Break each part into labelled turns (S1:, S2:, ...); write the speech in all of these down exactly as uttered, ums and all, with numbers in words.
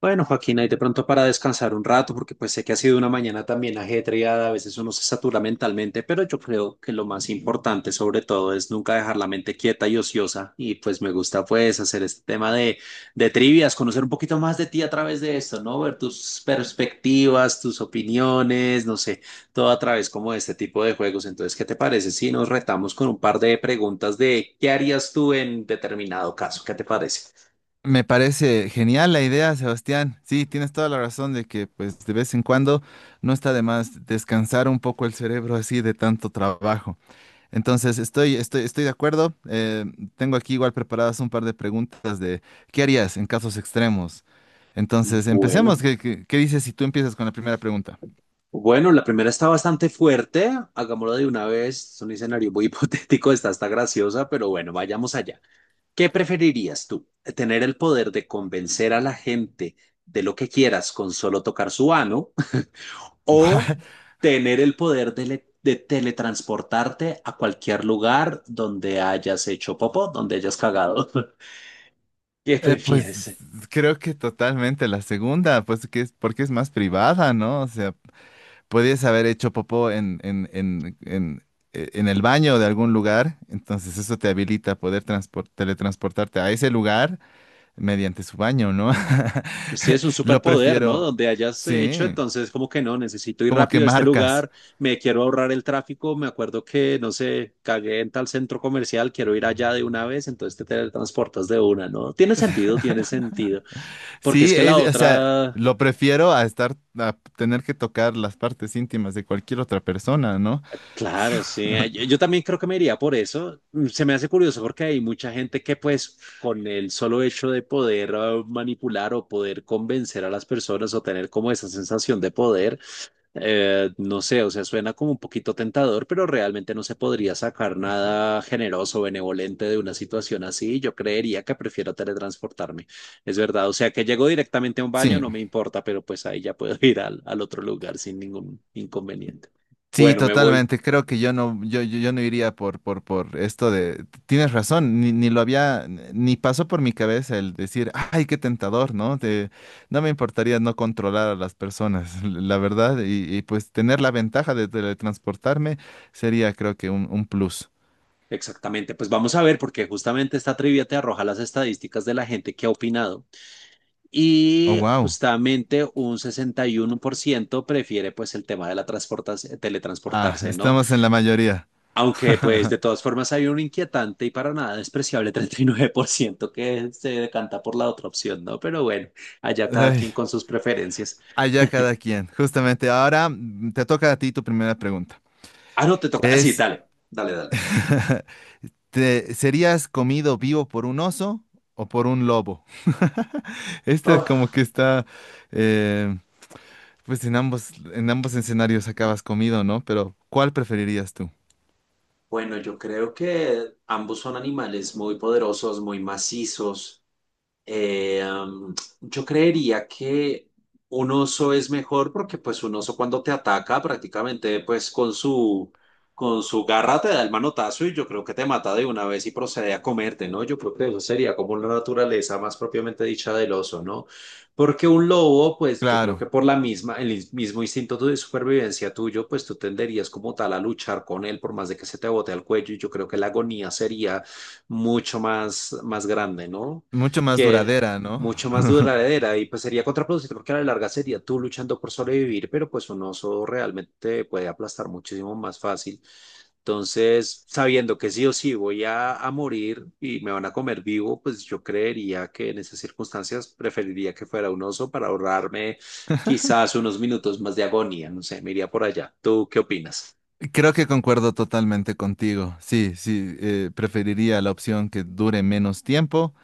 S1: Bueno, Joaquín ahí de pronto para descansar un rato, porque pues sé que ha sido una mañana también ajetreada, a veces uno se satura mentalmente, pero yo creo que lo más importante sobre todo es nunca dejar la mente quieta y ociosa, y pues me gusta pues hacer este tema de, de trivias, conocer un poquito más de ti a través de esto, ¿no? Ver tus perspectivas, tus opiniones, no sé, todo a través como de este tipo de juegos. Entonces, ¿qué te parece si nos retamos con un par de preguntas de qué harías tú en determinado caso? ¿Qué te parece?
S2: Me parece genial la idea, Sebastián. Sí, tienes toda la razón de que, pues, de vez en cuando no está de más descansar un poco el cerebro así de tanto trabajo. Entonces, estoy, estoy, estoy de acuerdo. Eh, tengo aquí igual preparadas un par de preguntas de ¿qué harías en casos extremos? Entonces, empecemos.
S1: Bueno.
S2: ¿Qué, qué- qué dices si tú empiezas con la primera pregunta?
S1: Bueno, la primera está bastante fuerte, hagámoslo de una vez, es un escenario muy hipotético, está hasta graciosa, pero bueno, vayamos allá. ¿Qué preferirías tú? ¿Tener el poder de convencer a la gente de lo que quieras con solo tocar su ano o tener el poder de, le- de teletransportarte a cualquier lugar donde hayas hecho popó, donde hayas cagado? ¿Qué
S2: eh, pues
S1: prefieres?
S2: creo que totalmente la segunda, pues que es porque es más privada, ¿no? O sea, podías haber hecho popó en, en, en, en, eh, en el baño de algún lugar, entonces eso te habilita a poder transpor- teletransportarte a ese lugar mediante su baño, ¿no?
S1: Pues sí, es un
S2: Lo
S1: superpoder, ¿no?
S2: prefiero,
S1: Donde hayas hecho,
S2: sí,
S1: entonces como que no, necesito ir
S2: como que
S1: rápido a este
S2: marcas.
S1: lugar, me quiero ahorrar el tráfico, me acuerdo que, no sé, cagué en tal centro comercial, quiero ir allá de una vez, entonces te teletransportas de una, ¿no? Tiene sentido, tiene sentido, porque es
S2: Sí,
S1: que la
S2: es, o sea,
S1: otra,
S2: lo prefiero a estar, a tener que tocar las partes íntimas de cualquier otra persona, ¿no?
S1: claro, sí, eh, yo, yo también creo que me iría por eso. Mm, se me hace curioso porque hay mucha gente que pues con el solo hecho de poder eh, manipular o poder convencer a las personas o tener como esa sensación de poder, Eh, no sé, o sea, suena como un poquito tentador, pero realmente no se podría sacar nada generoso o benevolente de una situación así. Yo creería que prefiero teletransportarme. Es verdad, o sea, que llego directamente a un baño,
S2: Sí,
S1: no me importa, pero pues ahí ya puedo ir al, al otro lugar sin ningún inconveniente.
S2: sí,
S1: Bueno, me voy.
S2: totalmente. Creo que yo no, yo, yo, yo no iría por, por, por esto de. Tienes razón, ni, ni lo había, ni pasó por mi cabeza el decir, ay, qué tentador, ¿no? De- no me importaría no controlar a las personas, la verdad, y, y, pues tener la ventaja de teletransportarme sería, creo que, un, un plus.
S1: Exactamente, pues vamos a ver, porque justamente esta trivia te arroja las estadísticas de la gente que ha opinado
S2: Oh,
S1: y
S2: wow.
S1: justamente un sesenta y uno por ciento prefiere pues el tema de la transportas-
S2: Ah,
S1: teletransportarse, ¿no?
S2: estamos en la mayoría.
S1: Aunque, pues, de todas formas hay un inquietante y para nada despreciable treinta y nueve por ciento que se decanta por la otra opción, ¿no? Pero bueno, allá cada
S2: Ay,
S1: quien con sus preferencias.
S2: allá cada quien. Justamente ahora mm, te toca a ti tu primera pregunta.
S1: Ah, no, te toca. Ah, sí,
S2: Es.
S1: dale, dale, dale.
S2: ¿Te serías comido vivo por un oso o por un lobo? Este es como
S1: Oh,
S2: que está, eh, pues en ambos, en ambos escenarios acabas comido, ¿no? Pero ¿cuál preferirías tú?
S1: bueno, yo creo que ambos son animales muy poderosos, muy macizos. Eh, am, yo creería que un oso es mejor porque pues un oso cuando te ataca prácticamente pues con su, con su garra te da el manotazo y yo creo que te mata de una vez y procede a comerte, ¿no? Yo creo que eso sería como la naturaleza más propiamente dicha del oso, ¿no? Porque un lobo pues yo creo
S2: Claro,
S1: que por la misma, el is- mismo instinto de supervivencia tuyo pues tú tenderías como tal a luchar con él por más de que se te bote al cuello y yo creo que la agonía sería mucho más, más grande, ¿no?
S2: mucho más
S1: Que es
S2: duradera, ¿no?
S1: mucho más duradera y pues sería contraproducente porque a la larga sería tú luchando por sobrevivir, pero pues un oso realmente puede aplastar muchísimo más fácil. Entonces, sabiendo que sí o sí voy a, a morir y me van a comer vivo, pues yo creería que en esas circunstancias preferiría que fuera un oso para ahorrarme quizás unos minutos más de agonía. No sé, me iría por allá. ¿Tú qué opinas?
S2: Creo que concuerdo totalmente contigo. Sí, sí, eh, preferiría la opción que dure menos tiempo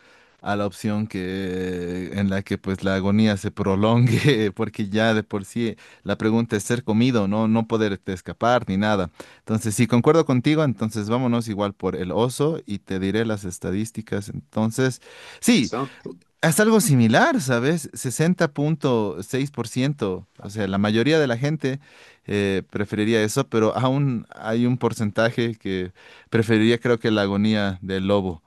S2: a la opción que en la que pues la agonía se prolongue, porque ya de por sí la pregunta es ser comido, no, no poderte escapar ni nada. Entonces, sí, concuerdo contigo, entonces vámonos igual por el oso y te diré las estadísticas. Entonces, sí,
S1: Eso.
S2: haz algo similar, ¿sabes? sesenta punto seis por ciento. O sea, la mayoría de la gente eh, preferiría eso, pero aún hay un porcentaje que preferiría, creo que la agonía del lobo.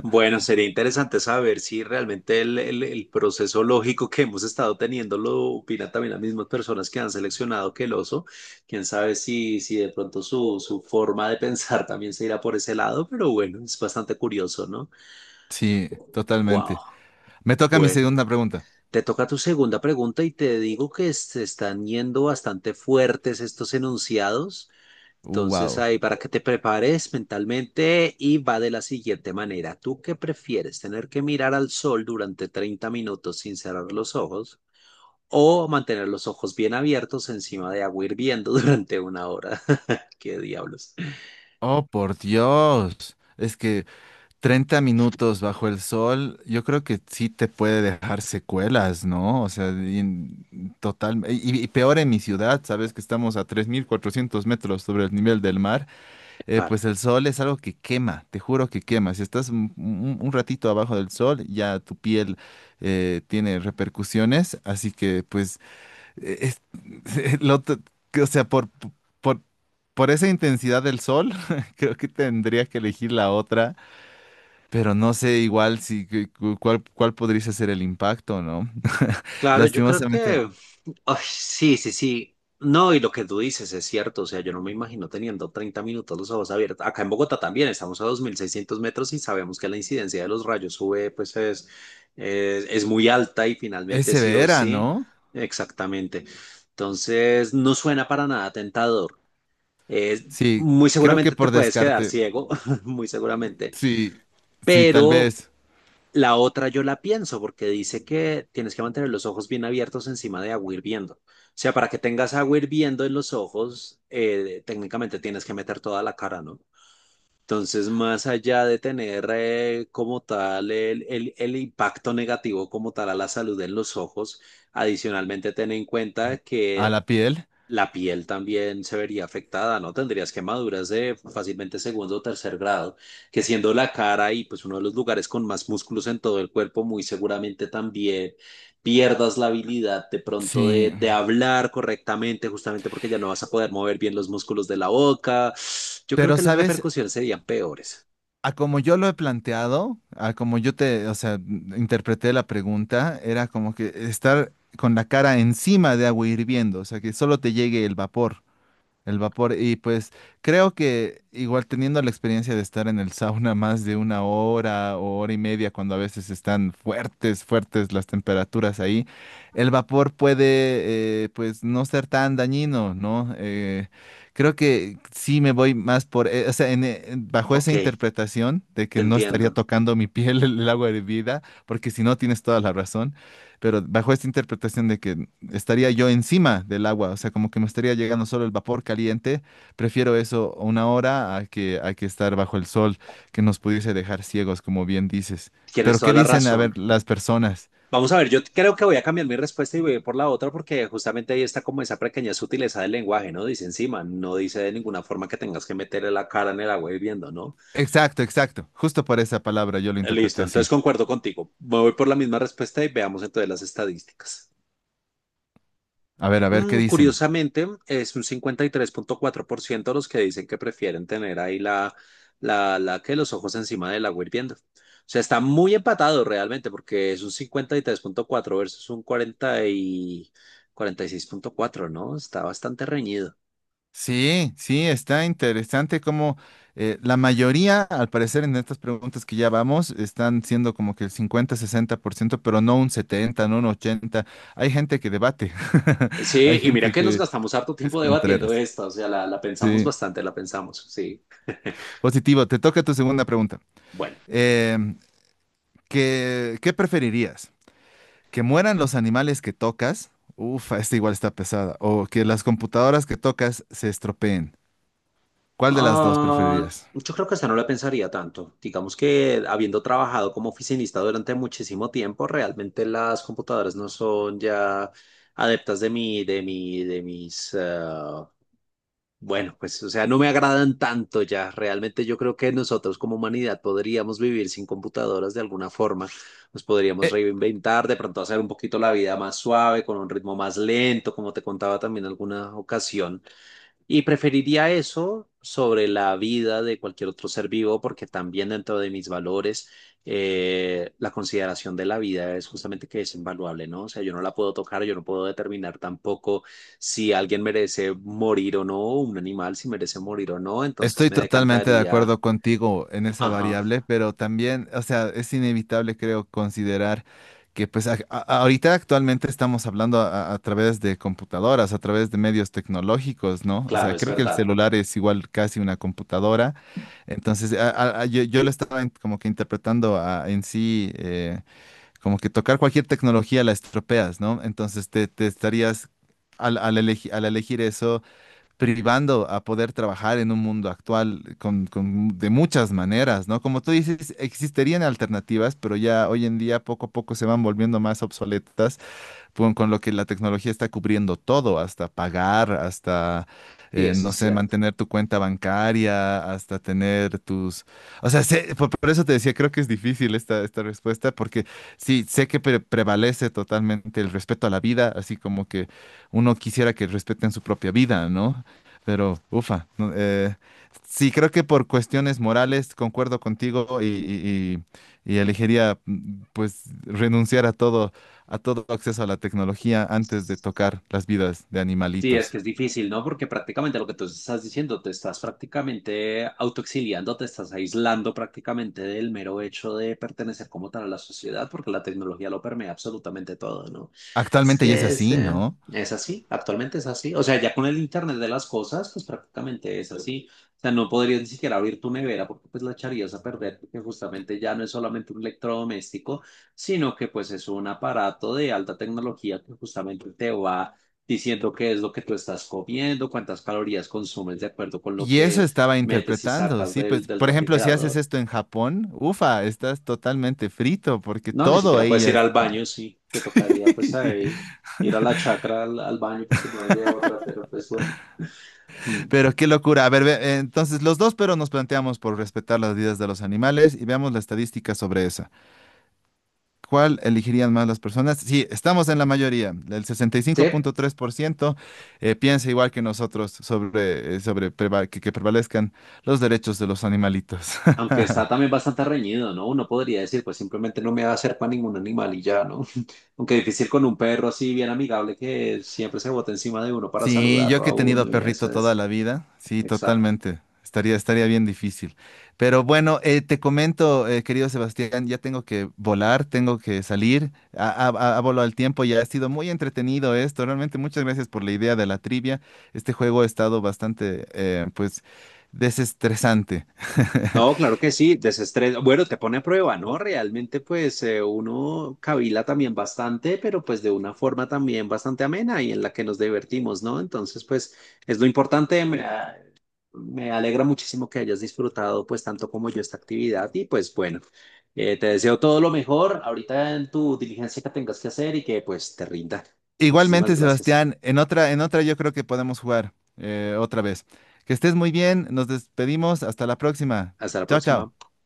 S1: Bueno, sería interesante saber si realmente el, el- el proceso lógico que hemos estado teniendo lo opinan también las mismas personas que han seleccionado que el oso. Quién sabe si, si de pronto su, su forma de pensar también se irá por ese lado, pero bueno, es bastante curioso, ¿no?
S2: Sí,
S1: Wow.
S2: totalmente. Me toca mi
S1: Bueno,
S2: segunda pregunta.
S1: te toca tu segunda pregunta y te digo que se están yendo bastante fuertes estos enunciados. Entonces
S2: Wow.
S1: ahí para que te prepares mentalmente y va de la siguiente manera. ¿Tú qué prefieres? ¿Tener que mirar al sol durante treinta minutos sin cerrar los ojos o mantener los ojos bien abiertos encima de agua hirviendo durante una hora? ¿Qué diablos?
S2: Oh, por Dios. Es que treinta minutos bajo el sol, yo creo que sí te puede dejar secuelas, ¿no? O sea, y en- total. Y, y peor en mi ciudad, sabes que estamos a tres mil cuatrocientos metros sobre el nivel del mar, eh,
S1: Claro,
S2: pues el sol es algo que quema, te juro que quema. Si estás un, un- un ratito abajo del sol, ya tu piel eh, tiene repercusiones, así que pues, eh, es, lo t- que, o sea, por, por, por esa intensidad del sol, creo que tendría que elegir la otra, pero no sé igual si cu- cu- cuál, cuál podría ser el impacto, ¿no?
S1: claro, yo creo
S2: Lastimosamente,
S1: que ay, sí, sí, sí. No, y lo que tú dices es cierto. O sea, yo no me imagino teniendo treinta minutos los ojos abiertos. Acá en Bogotá también estamos a dos mil seiscientos metros y sabemos que la incidencia de los rayos U V pues es, es, es muy alta y
S2: es
S1: finalmente sí o
S2: severa,
S1: sí.
S2: ¿no?
S1: Exactamente. Entonces, no suena para nada tentador. Es,
S2: Sí,
S1: Muy
S2: creo que
S1: seguramente te
S2: por
S1: puedes quedar
S2: descarte,
S1: ciego, muy seguramente.
S2: sí, sí, tal
S1: Pero
S2: vez
S1: la otra yo la pienso porque dice que tienes que mantener los ojos bien abiertos encima de agua hirviendo. O sea, para que tengas agua hirviendo en los ojos, eh, técnicamente tienes que meter toda la cara, ¿no? Entonces, más allá de tener eh, como tal el, el, el impacto negativo como tal a la salud en los ojos, adicionalmente ten en cuenta
S2: a
S1: que
S2: la piel,
S1: la piel también se vería afectada, ¿no? Tendrías quemaduras de fácilmente segundo o tercer grado, que siendo la cara y pues uno de los lugares con más músculos en todo el cuerpo, muy seguramente también pierdas la habilidad de pronto de,
S2: sí.
S1: de hablar correctamente, justamente porque ya no vas a poder mover bien los músculos de la boca. Yo creo
S2: Pero,
S1: que las
S2: ¿sabes?
S1: repercusiones serían peores.
S2: A como yo lo he planteado, a como yo te, o sea, m- interpreté la pregunta, era como que estar con la cara encima de agua hirviendo, o sea, que solo te llegue el vapor. El vapor, y pues creo que igual teniendo la experiencia de estar en el sauna más de una hora o hora y media, cuando a veces están fuertes, fuertes las temperaturas ahí, el vapor puede eh, pues no ser tan dañino, ¿no? Eh, creo que sí me voy más por, eh, o sea, en, eh, bajo
S1: Ok,
S2: esa interpretación de
S1: te
S2: que no estaría
S1: entiendo.
S2: tocando mi piel el agua hervida, porque si no tienes toda la razón, pero bajo esta interpretación de que estaría yo encima del agua, o sea, como que me estaría llegando solo el vapor caliente. Prefiero eso una hora a que, a que estar bajo el sol, que nos pudiese dejar ciegos, como bien dices. Pero
S1: Tienes toda
S2: ¿qué
S1: la
S2: dicen, a
S1: razón.
S2: ver, las personas?
S1: Vamos a ver, yo creo que voy a cambiar mi respuesta y voy a ir por la otra porque justamente ahí está como esa pequeña sutileza del lenguaje, ¿no? Dice encima, no dice de ninguna forma que tengas que meterle la cara en el agua hirviendo, ¿no?
S2: Exacto, exacto. Justo por esa palabra yo lo
S1: Eh, Listo,
S2: interpreté así.
S1: entonces concuerdo contigo. Me voy por la misma respuesta y veamos entonces las estadísticas.
S2: A ver, a ver, ¿qué
S1: Mm,
S2: dicen?
S1: curiosamente, es un cincuenta y tres punto cuatro por ciento los que dicen que prefieren tener ahí la, la, la que los ojos encima del agua hirviendo. O sea, está muy empatado realmente porque es un cincuenta y tres punto cuatro versus un cuarenta y cuarenta y seis punto cuatro, ¿no? Está bastante reñido.
S2: Sí, sí, está interesante como la mayoría, al parecer, en estas preguntas que ya vamos, están siendo como que el cincuenta, sesenta por ciento, pero no un setenta, no un ochenta. Hay gente que debate.
S1: Sí,
S2: Hay
S1: y mira
S2: gente
S1: que nos
S2: que
S1: gastamos harto
S2: es
S1: tiempo debatiendo
S2: contreras.
S1: esta, o sea, la, la pensamos
S2: Sí.
S1: bastante, la pensamos, sí.
S2: Positivo, te toca tu segunda pregunta.
S1: Bueno.
S2: Em, ¿qué, qué preferirías? ¿Que mueran los animales que tocas? Ufa, esta igual está pesada. ¿O que las computadoras que tocas se estropeen? ¿Cuál de las dos
S1: Ah,
S2: preferirías?
S1: yo creo que esa no la pensaría tanto. Digamos que habiendo trabajado como oficinista durante muchísimo tiempo, realmente las computadoras no son ya adeptas de mi, de mi, de mis, ah, bueno, pues, o sea, no me agradan tanto ya. Realmente yo creo que nosotros como humanidad podríamos vivir sin computadoras de alguna forma. Nos podríamos
S2: E-
S1: reinventar, de pronto hacer un poquito la vida más suave, con un ritmo más lento, como te contaba también en alguna ocasión. Y preferiría eso sobre la vida de cualquier otro ser vivo, porque también dentro de mis valores, eh, la consideración de la vida es justamente que es invaluable, ¿no? O sea, yo no la puedo tocar, yo no puedo determinar tampoco si alguien merece morir o no, un animal si merece morir o no, entonces
S2: estoy
S1: me
S2: totalmente de
S1: decantaría.
S2: acuerdo contigo en esa
S1: Ajá,
S2: variable, pero también, o sea, es inevitable, creo, considerar que pues a- a- ahorita actualmente estamos hablando a, a través de computadoras, a través de medios tecnológicos, ¿no? O
S1: claro,
S2: sea,
S1: es
S2: creo que el
S1: verdad.
S2: celular es igual casi una computadora. Entonces, a- a- a- yo, yo lo estaba en- como que interpretando a- en sí, eh, como que tocar cualquier tecnología la estropeas, ¿no? Entonces, te, te estarías, al, al elegi- al elegir eso, privando a poder trabajar en un mundo actual con, con- de muchas maneras, ¿no? Como tú dices, existirían alternativas, pero ya hoy en día poco a poco se van volviendo más obsoletas con, con lo que la tecnología está cubriendo todo, hasta pagar, hasta,
S1: Sí,
S2: eh,
S1: eso
S2: no
S1: es
S2: sé,
S1: cierto.
S2: mantener tu cuenta bancaria, hasta tener tus... O sea, sé- por, por eso te decía, creo que es difícil esta, esta respuesta, porque sí, sé que pre- prevalece totalmente el respeto a la vida, así como que uno quisiera que respeten su propia vida, ¿no? Pero, ufa, no, eh, sí, creo que por cuestiones morales concuerdo contigo y, y- y- y elegiría, mm, pues, renunciar a todo, a todo acceso a la tecnología antes de tocar las vidas de
S1: Sí, es que
S2: animalitos.
S1: es difícil, ¿no? Porque prácticamente lo que tú estás diciendo, te estás prácticamente autoexiliando, te estás aislando prácticamente del mero hecho de pertenecer como tal a la sociedad, porque la tecnología lo permea absolutamente todo, ¿no? Es
S2: Actualmente ya es
S1: que es,
S2: así,
S1: eh,
S2: ¿no?
S1: es así, actualmente es así. O sea, ya con el Internet de las cosas, pues prácticamente es así. O sea, no podrías ni siquiera abrir tu nevera porque pues la echarías a perder, porque justamente ya no es solamente un electrodoméstico, sino que pues es un aparato de alta tecnología que justamente te va diciendo qué es lo que tú estás comiendo, cuántas calorías consumes de acuerdo con lo
S2: Y eso
S1: que
S2: estaba
S1: metes y
S2: interpretando,
S1: sacas
S2: sí,
S1: del,
S2: pues,
S1: del
S2: por ejemplo, si haces
S1: refrigerador.
S2: esto en Japón, ufa, estás totalmente frito porque
S1: No, ni
S2: todo
S1: siquiera puedes ir
S2: ellas.
S1: al baño, sí, te tocaría pues ahí ir a la chacra al, al baño porque no hay de otra, pero pues bueno. Mm.
S2: Pero qué locura. A ver, ve- entonces los dos, pero nos planteamos por respetar las vidas de los animales y veamos la estadística sobre esa. ¿Cuál elegirían más las personas? Sí, estamos en la mayoría. El
S1: Sí,
S2: sesenta y cinco punto tres por ciento eh, piensa igual que nosotros sobre, eh, sobre preva- que, que prevalezcan los derechos de los animalitos.
S1: aunque está también bastante reñido, ¿no? Uno podría decir, pues simplemente no me va a hacer para ningún animal y ya, ¿no? Aunque difícil con un perro así bien amigable que siempre se bota encima de uno para
S2: Sí, yo
S1: saludarlo
S2: que he
S1: a
S2: tenido
S1: uno y
S2: perrito
S1: eso
S2: toda
S1: es.
S2: la vida, sí,
S1: Exacto.
S2: totalmente. Estaría, estaría bien difícil. Pero bueno, eh, te comento, eh, querido Sebastián, ya tengo que volar, tengo que salir. A, a, a- a volo al tiempo, ya ha sido muy entretenido esto. Realmente muchas gracias por la idea de la trivia. Este juego ha estado bastante, eh, pues, desestresante.
S1: No, claro que sí, desestrés. Bueno, te pone a prueba, ¿no? Realmente, pues eh, uno cavila también bastante, pero pues de una forma también bastante amena y en la que nos divertimos, ¿no? Entonces, pues es lo importante. Me, ah, me alegra muchísimo que hayas disfrutado, pues tanto como yo, esta actividad. Y pues bueno, eh, te deseo todo lo mejor ahorita en tu diligencia que tengas que hacer y que pues te rinda.
S2: Igualmente,
S1: Muchísimas gracias.
S2: Sebastián, en otra, en otra yo creo que podemos jugar eh, otra vez. Que estés muy bien, nos despedimos, hasta la próxima.
S1: Hasta la
S2: Chao, chao.
S1: próxima.